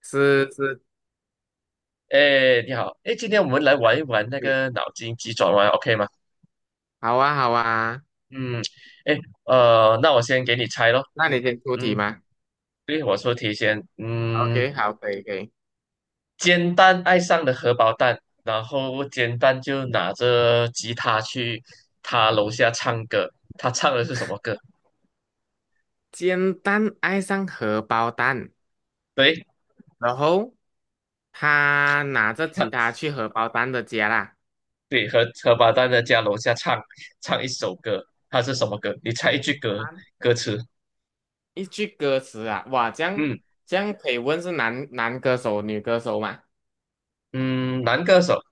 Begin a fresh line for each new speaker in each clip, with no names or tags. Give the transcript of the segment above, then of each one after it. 是是，
哎，你好，哎，今天我们来玩一玩那
你
个脑筋急转弯，OK 吗？
好啊好啊，
嗯，哎，那我先给你猜咯。
那你先出题
嗯，
嘛。
对，我说提前，
o k 好，可以可以。
煎蛋爱上了荷包蛋，然后煎蛋就拿着吉他去他楼下唱歌。他唱的是什么歌？
简单爱上荷包蛋，
对，
然后他拿着吉
他
他去荷包蛋的家啦。
对荷包蛋的家楼下唱一首歌，他是什么歌？你猜一
简
句歌
单
歌词。
一句歌词啊，哇，这样
嗯
这样可以问是男歌手、女歌手吗？
嗯，男歌手。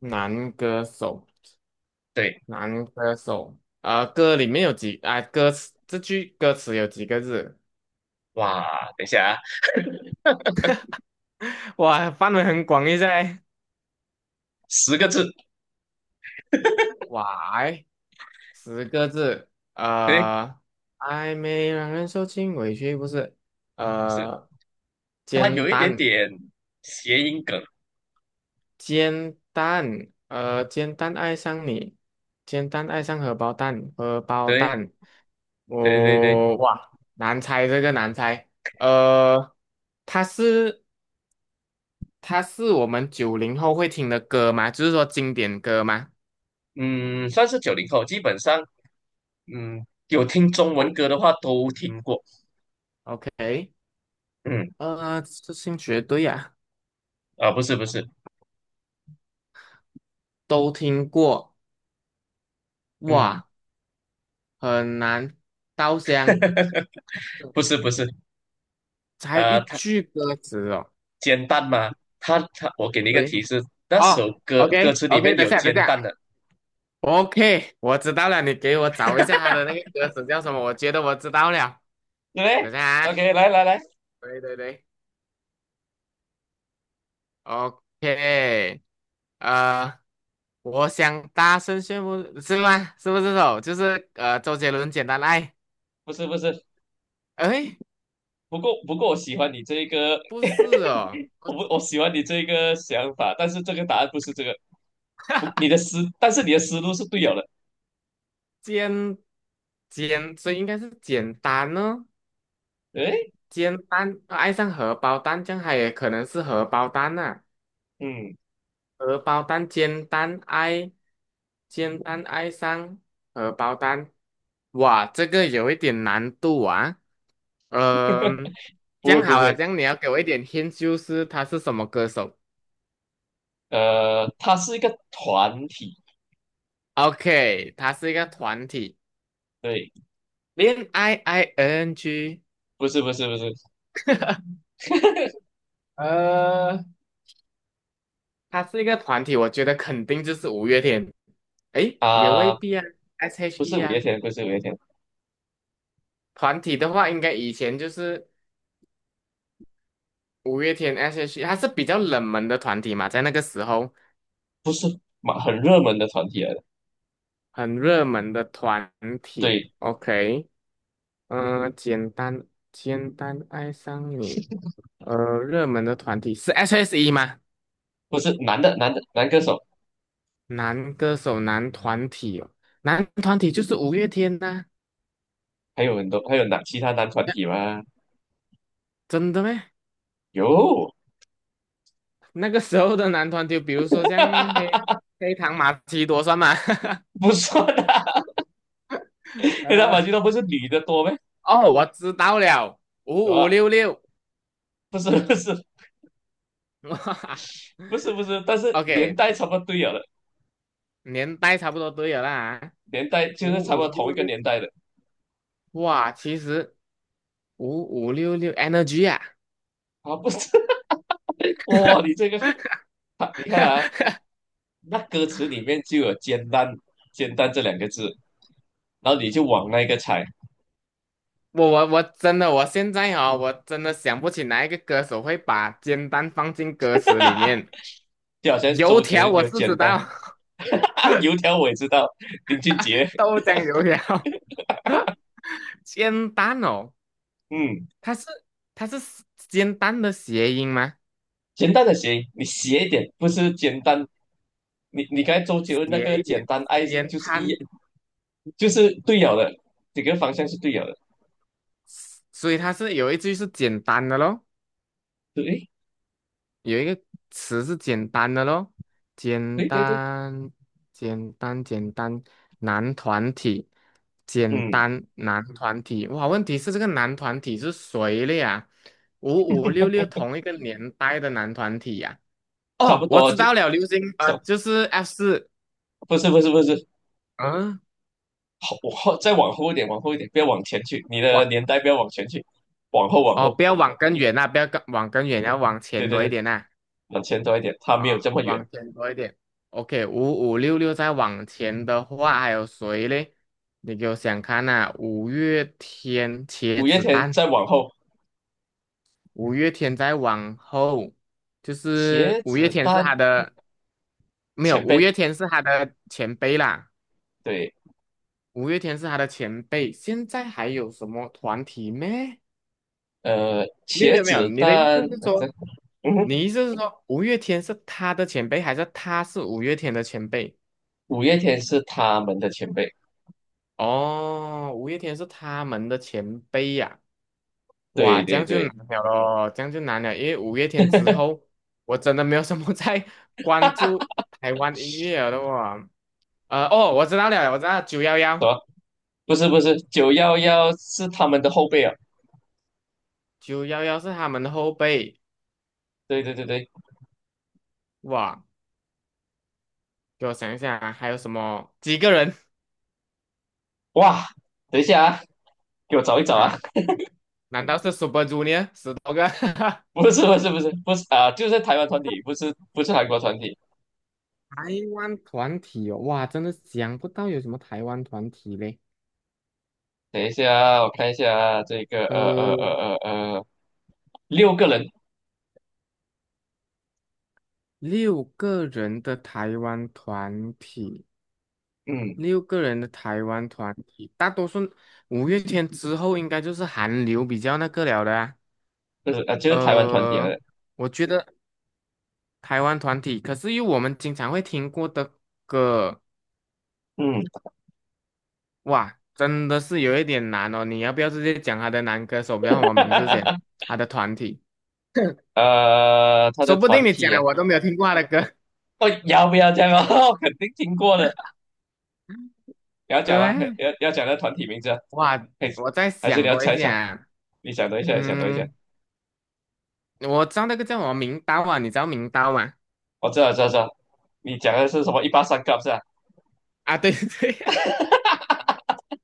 男歌手，
对，
男歌手，歌里面有几啊、这句歌词有几个字？
哇，等一下啊，
哇，范围很广一下欸，
10个字。
哇，哎10个字，
对，
呃，暧昧让人受尽委屈，不是，
不是，
呃，
它
煎
有一点
蛋，
点谐音梗，
煎蛋，煎蛋爱上你，煎蛋爱上荷包蛋，荷包
对，
蛋，
对对对，
我、哇，难猜这个难猜，呃，它是它是我们90后会听的歌吗？就是说经典歌吗
嗯，算是90后，基本上，嗯，有听中文歌的话都听过，
？OK，
嗯，
这兴绝对啊，
啊，不是不是，
都听过，
嗯，
哇。很难稻香，
不是不是，
才一
啊，它
句歌词哦。
煎蛋吗？它，我给你一个
喂，
提示，那
哦
首歌歌
，OK
词里
OK，
面
等一
有
下等一
煎
下
蛋的，
，OK，我知道了，你给我找一下他的那个歌词叫什么？我觉得我知道了，
对不
等一
对
下啊，
？OK，来来来，
对对对，OK，呃，我想大声宣布，是吗？是不是这首？就是周杰伦《简单爱》？
不是不是，
哎，
不过我喜欢你这一个，
不是哦，
我
我
不我喜欢你这一个想法，但是这个答案不是这个。不，你的思，但是你的思路是对了的。
简所以应该是简单呢。
诶，
煎蛋，爱上荷包蛋，这样它也可能是荷包蛋呐、
嗯，
荷包蛋煎蛋爱，煎蛋爱上荷包蛋，哇，这个有一点难度啊。嗯、这
不会
样
不
好了，
会，
这样你要给我一点 hint，就是他是什么歌手
他是一个团体，
？OK，他是一个团体，
对，
恋爱 ing，
不是不是不是
呃，他是一个团体，我觉得肯定就是五月天。诶，也未
啊、
必啊
不
，S.H.E
是五月
啊。
天，不是五月天，
团体的话，应该以前就是五月天 S.H.E，它是比较冷门的团体嘛，在那个时候
不是蛮很热门的团体来的，
很热门的团体。
对，
OK，嗯、简单爱上你，热门的团体是 S.H.E 吗？
不是男的男歌手，
男歌手男团体哦，男团体就是五月天呐、
还有很多还有男其他男团体吗？
真的咩？
有，
那个时候的男团体，比如说像黑 黑糖玛奇朵算吗？
不算啊，黑道
呃，
马俊团不是女的多呗，
哦，我知道了，
什
五
么？
五六六。
不是不是 不是不是，但是年
OK，
代差不多对了的，
年代差不多都有啦啊，
年代就是差
五
不多
五
同一
六
个
六，
年代的
哇，其实五五六六 energy 啊，
啊，不是 哇，你这个 它你看啊，那歌词里面就有"煎蛋""煎蛋"这两个字，然后你就往那个猜，
我真的，我现在哦，我真的想不起哪一个歌手会把煎蛋放进歌词里 面。
就好像
油
周杰
条
伦
我
有
是知
“煎蛋"，
道，
油条我也知道，林俊 杰，
豆浆油条，煎蛋哦，
嗯，
它是它是煎蛋的谐音吗？
“煎蛋"的谐音，你斜一点，不是"简单"？你刚才周杰伦那
谐
个
一
“简
点，
单爱"
煎
就是一
蛋，
就是对了的，整个方向是对了的，
所以它是有一句是简单的咯。
对
有一个词是简单的咯，简
对对对，
单，简单，简单，男团体，简
嗯，
单男团体。哇，问题是这个男团体是谁了呀？五五六六同一个年代的男团体呀、
差
哦，
不
我
多
知
就
道了，流行
走，so，
就是 F4。
不是不是不是，
嗯、
后再往后一点，往后一点，不要往前去，你的
哇，
年代不要往前去，往后往
哦，
后。
不要往更远啊，不要更往更远，要往
对
前
对
多一
对，
点呐。
往前走一点，它没有这
啊，
么远。
往前多一点。OK，五五六六再往前的话，还有谁嘞？你给我想看呐、啊五月天、茄
五月
子
天
蛋，
再往后，
五月天再往后，就是
茄
五月
子
天是他
蛋
的，没有，
前
五
辈，
月天是他的前辈啦，
对，
五月天是他的前辈。现在还有什么团体咩？没有没
茄
有没有，
子
你的意
蛋，
思是
这
说，
嗯哼，
你意思是说五月天是他的前辈，还是他是五月天的前辈？
五月天是他们的前辈，
哦，五月天是他们的前辈呀、哇，
对
这
对
样就
对，
难了咯，这样就难了，因为五月天之后，我真的没有什么 在关注台湾音乐了的哇。哦，我知道了，我知道九幺
什
幺，
么不是不是，911是他们的后辈啊，
九幺幺是他们的后辈。
对对对对，
哇，给我想一想啊，还有什么几个人
哇，等一下啊，给我找一找啊，
啊？难道是 Super Junior 十多个？
不是不是不是不是啊，就是台湾团体，不是不是韩国团体，
台湾团体哦，哇，真的想不到有什么台湾团体嘞。
等一下啊我看一下啊这个
呃，
呃，六个人，
六个人的台湾团体，
嗯。
六个人的台湾团体，大多数五月天之后应该就是韩流比较那个了的啊。
就是啊，就是台湾团体啊，
呃，我觉得台湾团体，可是又我们经常会听过的歌，
嗯，
哇，真的是有一点难哦。你要不要直接讲他的男歌手叫什么名字先？他的团体，
他的
说不
团
定你讲
体啊，
了我都没有听过他的歌。
哦，要不要这样啊？我肯定听过的，你要 讲吗？
对，
要讲那团体名字啊，
哇，
还是
我在想
你要
多一
猜一
点
下？
啊。
你想多一下，你想多一下，
嗯，我知道那个叫什么名刀啊，你知道名刀吗？
我知道，知道，知道，你讲的是什么？183 Cup 是吧？
啊，对 对对。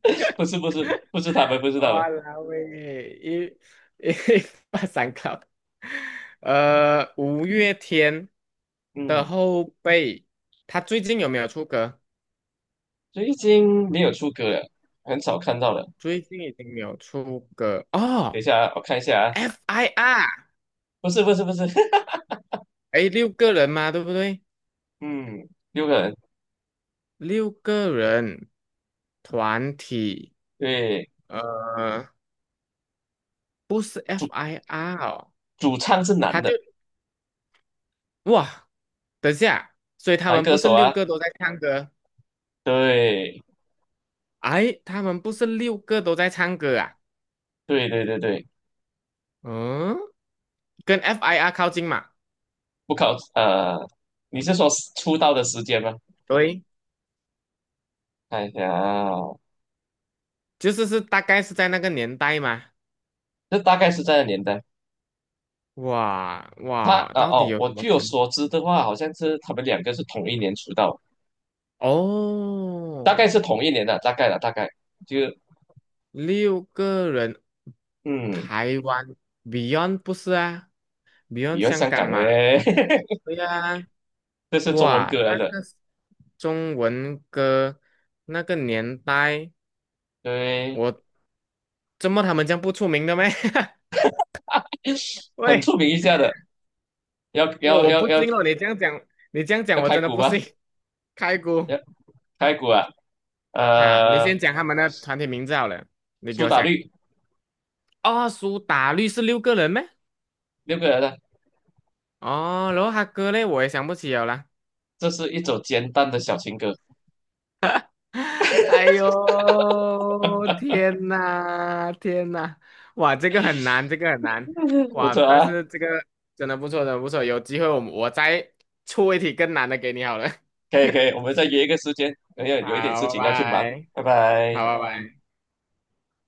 不是，不是，不是他们，不 是他们，
哇啦喂，一 把三考，五月天的
嗯，
后辈，他最近有没有出歌？
最近没有出歌了，很少看到了。
最近已经没有出歌
等一
哦
下啊，我看一下啊，
，FIR，
不是，不是，不是，
哎，六个人嘛，对不对？
嗯，六个人，
六个人团体，
对，
呃，不是 FIR 哦，
主唱是
他
男
就
的，
哇，等下，所以他
男
们
歌
不是
手
六
啊，
个都在唱歌？
对。
哎，他们不是六个都在唱歌啊？
对对对对，
嗯，跟 FIR 靠近嘛？
不考，你是说出道的时间吗？
对，
看一下啊，
就是大概是在那个年代嘛。
这大概是在的年代。
哇
他
哇，
啊
到底
哦，
有什
我
么
据我
团？
所知的话，好像是他们两个是同一年出道，大概
哦，
是同一年的，大概了，大概就
六个人，
嗯，
台湾 Beyond 不是啊
比
？Beyond
较
香
香
港
港的
嘛？
嘞，
对呀、
这是中文
哇，
歌来
那
的，
个中文歌那个年代。
对，
我怎么他们这样不出名的咩？
很
喂，
出名一下的，要
我
要
我
要
不
要
信哦，你这样讲，你这样讲
要
我
开
真的
鼓
不
吗？
信。开估
要开鼓啊，
啊，你
呃，
先讲他们的团体名字好了，你给
苏
我
打
想。
绿
哦，苏打绿是六个人咩？
六个人的，
哦，然后他哥嘞，我也想不起了啦
这是一首简单的小情歌，
哎呦，天呐，天呐，哇，这个很难，这个很难，
不
哇，
错
但
啊。
是这个真的不错，真的不错，有机会我再出一题更难的给你好了。
可以可以，我们再约一个时间，哎呀，有一点事
好，拜
情要去忙，
拜，
拜拜。
好，拜拜。